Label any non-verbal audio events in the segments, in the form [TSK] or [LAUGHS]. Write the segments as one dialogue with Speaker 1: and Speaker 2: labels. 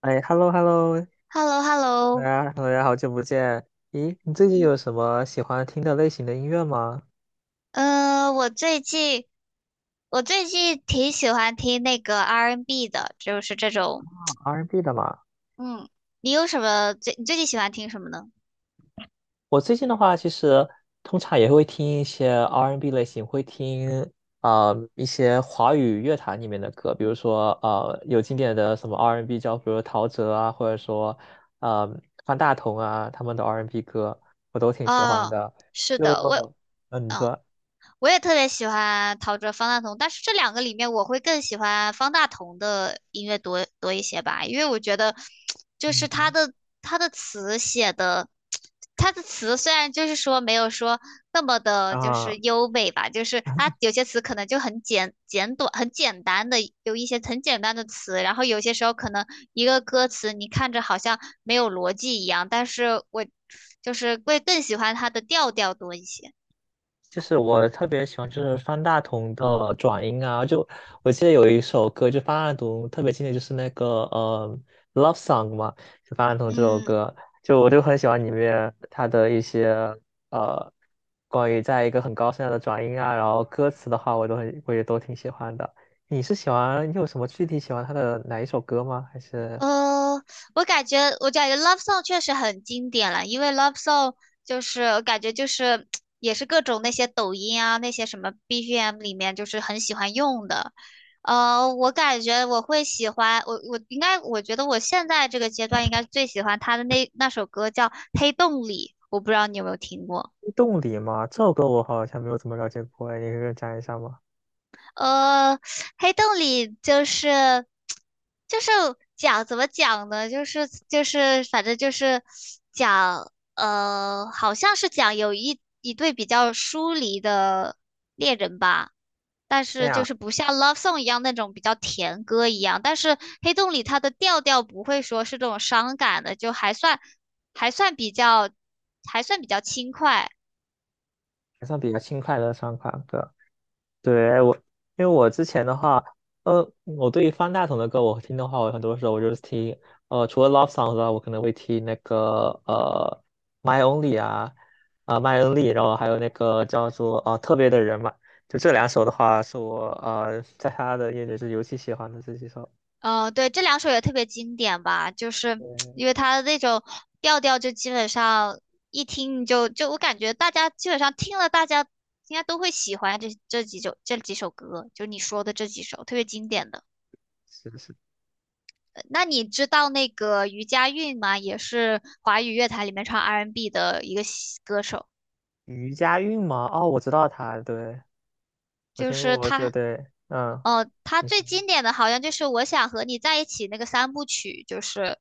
Speaker 1: 哎，hello hello，
Speaker 2: h e l l o h e l l
Speaker 1: 大
Speaker 2: o
Speaker 1: 家大家好久不见。咦，你最近有什么喜欢听的类型的音乐吗
Speaker 2: 我最近我最近挺喜欢听那个 R&B n 的，就是这
Speaker 1: 啊
Speaker 2: 种。
Speaker 1: ？R&B 的嘛。
Speaker 2: 嗯，你有什么最你最近喜欢听什么呢？
Speaker 1: 我最近的话，其实通常也会听一些 R&B 类型，会听一些华语乐坛里面的歌，比如说有经典的什么 R&B 叫，比如陶喆啊，或者说呃方大同啊，他们的 R&B 歌我都挺喜欢
Speaker 2: 哦，
Speaker 1: 的。
Speaker 2: 是
Speaker 1: 就
Speaker 2: 的，我，
Speaker 1: 嗯、呃你
Speaker 2: 嗯、
Speaker 1: 说
Speaker 2: 我也特别喜欢陶喆、方大同，但是这两个里面，我会更喜欢方大同的音乐多多一些吧。因为我觉得，就是
Speaker 1: 嗯
Speaker 2: 他
Speaker 1: 哼
Speaker 2: 的他的词写的，他的词虽然就是说没有说那么的，就是
Speaker 1: 啊。
Speaker 2: 优美吧，就是他有些词可能就很简简短、很简单的，有一些很简单的词。然后有些时候可能一个歌词你看着好像没有逻辑一样，但是我就是会更喜欢他的调调多一些。
Speaker 1: 就是我特别喜欢就是方大同的转音啊，就我记得有一首歌，就方大同特别经典，就是那个《Love Song》嘛，就方大同这首
Speaker 2: 嗯，
Speaker 1: 歌，就我就很喜欢里面他的一些呃关于在一个很高声的转音啊，然后歌词的话，我也都挺喜欢的。你是喜欢你有什么具体喜欢他的哪一首歌吗？还是
Speaker 2: 呃，我感觉，我感觉《Love Song》确实很经典了，因为《Love Song》就是我感觉就是也是各种那些抖音啊那些什么 BGM 里面就是很喜欢用的。我感觉我会喜欢我我应该我觉得我现在这个阶段应该最喜欢他的那首歌叫《黑洞里》，我不知道你有没有听过。
Speaker 1: 动力吗？这首歌我好像没有怎么了解过，你可以给我讲一下吗？
Speaker 2: 呃，黑洞里就是就是讲怎么讲呢？就是反正就是讲好像是讲有一对比较疏离的恋人吧。但
Speaker 1: 这
Speaker 2: 是就
Speaker 1: 样。
Speaker 2: 是不像《Love Song》一样那种比较甜歌一样，但是黑洞里它的调调不会说是这种伤感的，就还算还算比较还算比较轻快。
Speaker 1: 还算比较轻快的三款歌。对，哎因为我之前的话，我对于方大同的歌，我听的话，我很多时候我就是听，除了 love song 之外，我可能会听那个My Only 啊，啊、My Only，然后还有那个叫做特别的人嘛，就这两首的话，是我在他的眼里是尤其喜欢的这几首。
Speaker 2: 嗯，呃对，这两首也特别经典吧，就是
Speaker 1: 对，
Speaker 2: 因为它的那种调调，就基本上一听你就我感觉大家基本上听了，大家应该都会喜欢这几首歌，就你说的这几首特别经典的。呃，
Speaker 1: 是是
Speaker 2: 那你知道那个余佳运吗？也是华语乐坛里面唱 R&B n 的一个西歌手，
Speaker 1: 余佳运吗？哦，我知道他，对，我
Speaker 2: 就
Speaker 1: 听
Speaker 2: 是
Speaker 1: 过，对
Speaker 2: 他。
Speaker 1: 对，嗯，
Speaker 2: 他
Speaker 1: 你说。
Speaker 2: 最经典的好像就是《我想和你在一起》那个三部曲，就是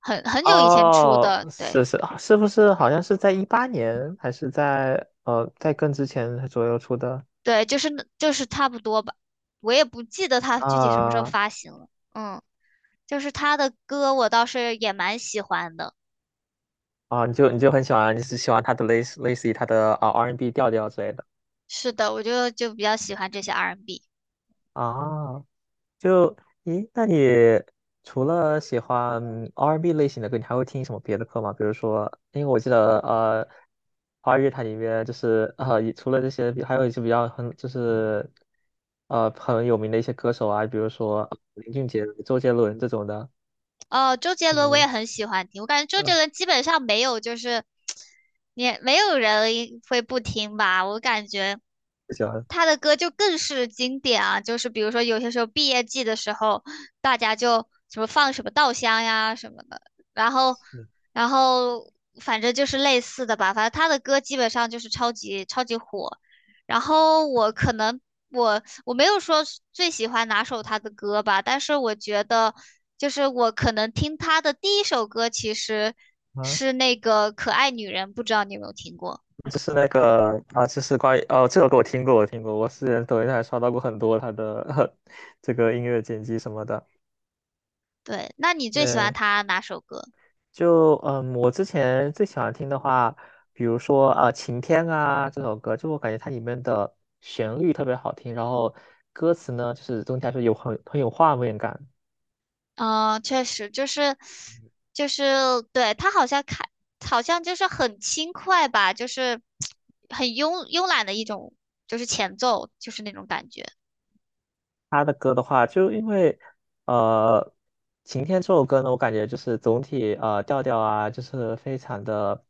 Speaker 2: 很很久以前出
Speaker 1: 哦，
Speaker 2: 的，对。
Speaker 1: 是是，是不是好像是在一八年，还是在更之前左右出的。
Speaker 2: 对，就是那差不多吧，我也不记得他具体什么时候
Speaker 1: 啊
Speaker 2: 发行了。嗯，就是他的歌我倒是也蛮喜欢的。
Speaker 1: 啊？你就很喜欢，你是喜欢他的类似于他的R&B 调调之类的
Speaker 2: 是的，我就比较喜欢这些 R&B。
Speaker 1: 啊？就，咦，那你除了喜欢R&B 类型的歌，你还会听什么别的歌吗？比如说，因为我记得，华语乐坛里面就是也除了这些还有一些比较很就是很有名的一些歌手啊，比如说林俊杰、周杰伦这种的。
Speaker 2: 哦，周杰伦我
Speaker 1: 嗯
Speaker 2: 也很喜欢听，我感觉周杰
Speaker 1: 嗯，
Speaker 2: 伦基本上没有就是，也没有人会不听吧。我感觉
Speaker 1: 不喜欢
Speaker 2: 他的歌就更是经典啊。就是比如说有些时候毕业季的时候，大家就什么放什么稻香呀什么的，然后
Speaker 1: 是
Speaker 2: 然后反正就是类似的吧，反正他的歌基本上就是超级超级火。然后我可能我没有说是最喜欢哪首他的歌吧，但是我觉得，就是我可能听他的第一首歌其实
Speaker 1: 啊，
Speaker 2: 是那个《可爱女人》，不知道你有没有听过？
Speaker 1: 就是那个啊，就是关于哦，这首歌我听过，我听过，我是抖音上还刷到过很多他的 [LAUGHS] 这个音乐剪辑什么的。
Speaker 2: 对，那你最喜欢
Speaker 1: 对，
Speaker 2: 他哪首歌？
Speaker 1: 就我之前最喜欢听的话，比如说啊，《晴天》啊这首歌，就我感觉它里面的旋律特别好听，然后歌词呢，就是总体来说有很有画面感，
Speaker 2: 嗯，确实就是就是对他好像开好像就是很轻快吧，就是很慵懒的一种就是前奏，就是那种感觉。
Speaker 1: 他的歌的话，就因为呃，《晴天》这首歌呢，我感觉就是总体调调啊，就是非常的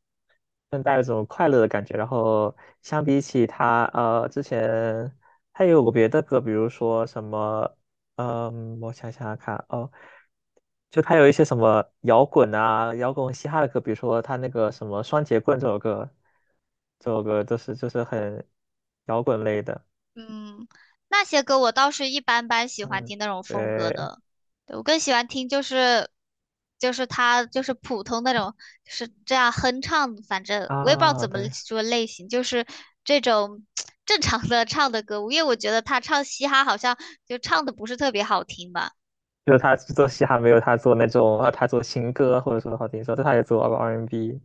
Speaker 1: 更带一种快乐的感觉。然后相比起他之前，他也有过别的歌，比如说什么我想想看哦，就他有一些什么摇滚啊、摇滚嘻哈的歌，比如说他那个什么《双截棍》这首歌，这首歌都是就是很摇滚类的，
Speaker 2: 嗯，那些歌我倒是一般般喜欢
Speaker 1: 嗯。
Speaker 2: 听那种风格
Speaker 1: 对，
Speaker 2: 的。对，我更喜欢听就是他就是普通那种，就是这样哼唱。反正我也不知道
Speaker 1: 啊，
Speaker 2: 怎么
Speaker 1: 对，
Speaker 2: 说类型，就是这种 [TSK] 正常的唱的歌，因为我觉得他唱嘻哈好像就唱的不是特别好听吧。
Speaker 1: 就是他做嘻哈没有他做那种，他做情歌或者说好听说，但他也做 R&B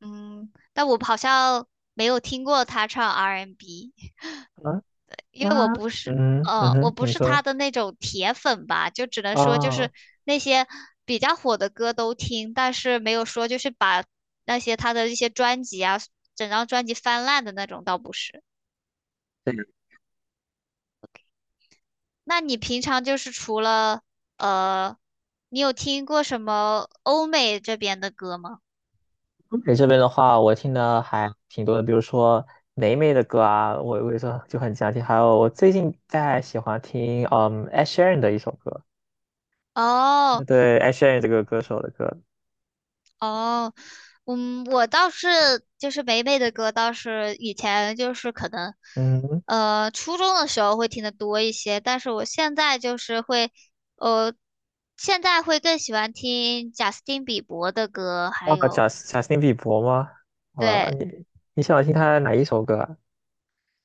Speaker 2: 嗯，但我好像没有听过他唱 R&B n。
Speaker 1: 啊。
Speaker 2: 因为我
Speaker 1: 那
Speaker 2: 不是，
Speaker 1: 嗯
Speaker 2: 我
Speaker 1: 哼，
Speaker 2: 不
Speaker 1: 你
Speaker 2: 是他
Speaker 1: 说
Speaker 2: 的那种铁粉吧，就只能说就
Speaker 1: 啊，
Speaker 2: 是那些比较火的歌都听，但是没有说就是把那些他的一些专辑啊，整张专辑翻烂的那种倒不是。那你平常就是除了呃，你有听过什么欧美这边的歌吗？
Speaker 1: 东北这边的话，我听的还挺多的，比如说霉霉的歌啊，我有时候就很经常听，还有我最近在喜欢听Ed Sheeran 的一首歌，
Speaker 2: 哦。
Speaker 1: 对 Ed Sheeran 这个歌手的歌，
Speaker 2: 哦，嗯，我倒是就是霉霉的歌，倒是以前就是可能，
Speaker 1: 嗯
Speaker 2: 初中的时候会听的多一些。但是我现在就是会，呃，现在会更喜欢听贾斯汀比伯的歌，还
Speaker 1: 啊，
Speaker 2: 有
Speaker 1: 贾斯汀比伯吗？啊，
Speaker 2: 对。
Speaker 1: 你喜欢听他哪一首歌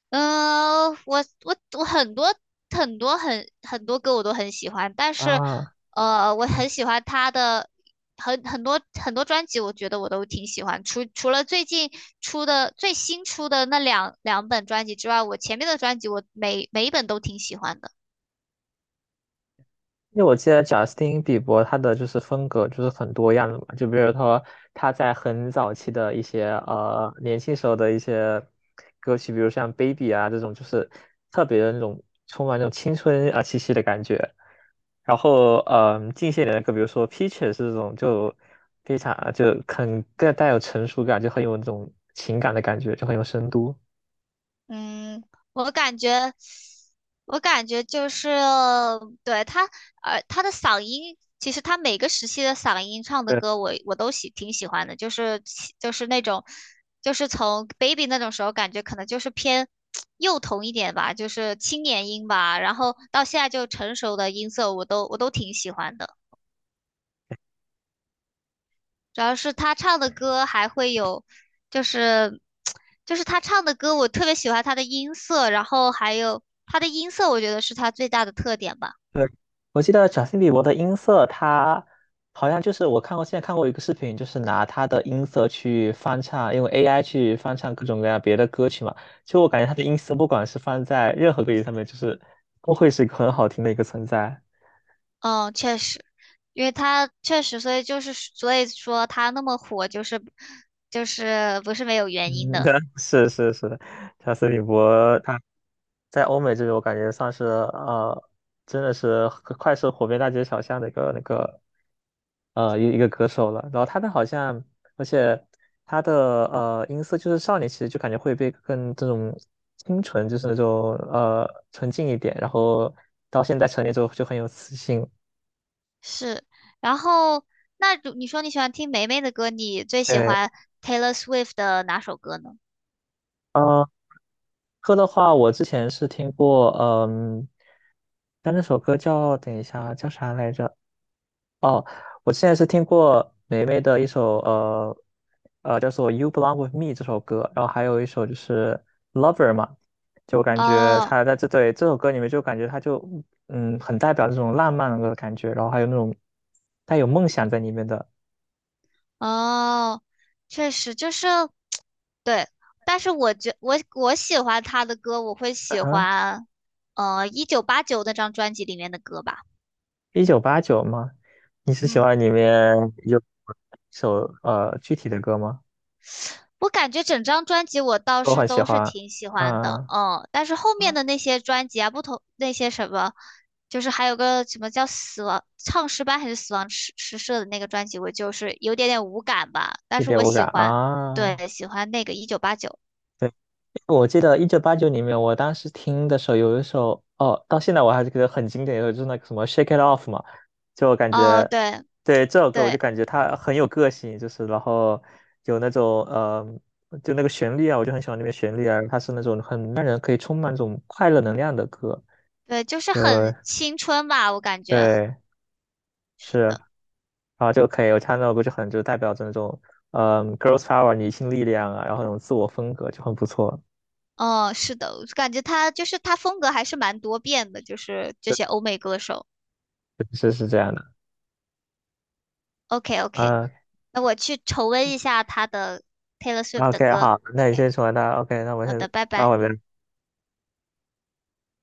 Speaker 2: 嗯，我很多很多歌我都很喜欢，但
Speaker 1: 啊？
Speaker 2: 是，
Speaker 1: 啊，
Speaker 2: 我很喜欢他的很多专辑，我觉得我都挺喜欢。除了最近出的最新出的那两本专辑之外，我前面的专辑我每一本都挺喜欢的。
Speaker 1: 因为我记得贾斯汀·比伯他的就是风格就是很多样的嘛，就比如说他在很早期的一些年轻时候的一些歌曲，比如像《Baby》啊这种，就是特别的那种充满那种青春啊气息的感觉。然后近些年的歌，比如说《Peaches》这种就非常就很更带有成熟感，就很有那种情感的感觉，就很有深度。
Speaker 2: 嗯，我感觉，我感觉就是，对，他，他的嗓音，其实他每个时期的嗓音唱的
Speaker 1: 对。
Speaker 2: 歌我，我都挺喜欢的，就是就是那种，就是从 baby 那种时候，感觉可能就是偏幼童一点吧，就是青年音吧，然后到现在就成熟的音色，我都我都挺喜欢的。主要是他唱的歌还会有，就是就是他唱的歌，我特别喜欢他的音色，然后还有他的音色，我觉得是他最大的特点吧。
Speaker 1: 对，我记得贾斯汀比伯的音色，他好像就是我看过，现在看过一个视频，就是拿他的音色去翻唱，用 AI 去翻唱各种各样别的歌曲嘛。就我感觉他的音色，不管是放在任何歌曲上面，就是都会是一个很好听的一个存在。
Speaker 2: 嗯，确实，因为他确实，所以就是所以说他那么火，就是不是没有原因
Speaker 1: 嗯，[LAUGHS]
Speaker 2: 的，
Speaker 1: 对，是是是的，贾斯汀比伯他在欧美这边，我感觉算是真的是快是火遍大街小巷的一个那个一个歌手了。然后他的好像，而且他的音色就是少年，其实就感觉会被更这种清纯，就是那种纯净一点。然后到现在成年之后就很有磁性。
Speaker 2: 是。然后那如你说你喜欢听梅梅的歌，你最喜
Speaker 1: 对，
Speaker 2: 欢 Taylor Swift 的哪首歌呢？
Speaker 1: 呃，歌的话，我之前是听过，但那首歌叫等一下叫啥来着？哦，我现在是听过霉霉的一首叫做《You Belong with Me》这首歌，然后还有一首就是《Lover》嘛，就感觉
Speaker 2: 哦。
Speaker 1: 他在这对这首歌里面就感觉他就很代表这种浪漫的感觉，然后还有那种带有梦想在里面的。
Speaker 2: 哦，确实就是 [TSK] 对，但是我我喜欢他的歌，我会
Speaker 1: 嗯
Speaker 2: 喜
Speaker 1: 哼，
Speaker 2: 欢一九八九那张专辑里面的歌吧。
Speaker 1: 一九八九吗？你是喜
Speaker 2: 嗯，
Speaker 1: 欢里面有一首具体的歌吗？
Speaker 2: 我感觉整张专辑我倒
Speaker 1: 我
Speaker 2: 是
Speaker 1: 很喜
Speaker 2: 都是
Speaker 1: 欢
Speaker 2: 挺喜欢的。
Speaker 1: 啊，
Speaker 2: 嗯，但是后面
Speaker 1: 啊，
Speaker 2: 的那些专辑啊，不同那些什么，就是还有个什么叫死亡唱诗班还是死亡诗社的那个专辑，我就是有点点无感吧，但
Speaker 1: 一
Speaker 2: 是
Speaker 1: 点
Speaker 2: 我
Speaker 1: 无
Speaker 2: 喜
Speaker 1: 感
Speaker 2: 欢，
Speaker 1: 啊。
Speaker 2: 对，喜欢那个一九八九。
Speaker 1: 对。我记得一九八九里面，我当时听的时候，有一首哦，到现在我还是觉得很经典，有就是那个什么《Shake It Off》嘛，就我感
Speaker 2: 哦，
Speaker 1: 觉
Speaker 2: 对。
Speaker 1: 对这首歌，我就
Speaker 2: 对，
Speaker 1: 感觉它很有个性，就是然后有那种就那个旋律啊，我就很喜欢那边旋律啊，它是那种很让人可以充满这种快乐能量的歌，
Speaker 2: 对，就是
Speaker 1: 就
Speaker 2: 很青春吧，我感觉
Speaker 1: 对
Speaker 2: 是
Speaker 1: 是
Speaker 2: 的。
Speaker 1: 啊就可以，我唱那首歌就很就代表着那种girls power 女性力量啊，然后那种自我风格就很不错，
Speaker 2: 哦，是的，我感觉他就是他风格还是蛮多变的，就是这些欧美歌手。
Speaker 1: 是是这样的。
Speaker 2: OK OK，
Speaker 1: 啊，
Speaker 2: 那我去重温一下他的 Taylor Swift 的
Speaker 1: OK，
Speaker 2: 歌。
Speaker 1: 好，那你
Speaker 2: OK，
Speaker 1: 先说，那 OK，那我
Speaker 2: 好
Speaker 1: 先
Speaker 2: 的，拜
Speaker 1: 到
Speaker 2: 拜。
Speaker 1: 我这。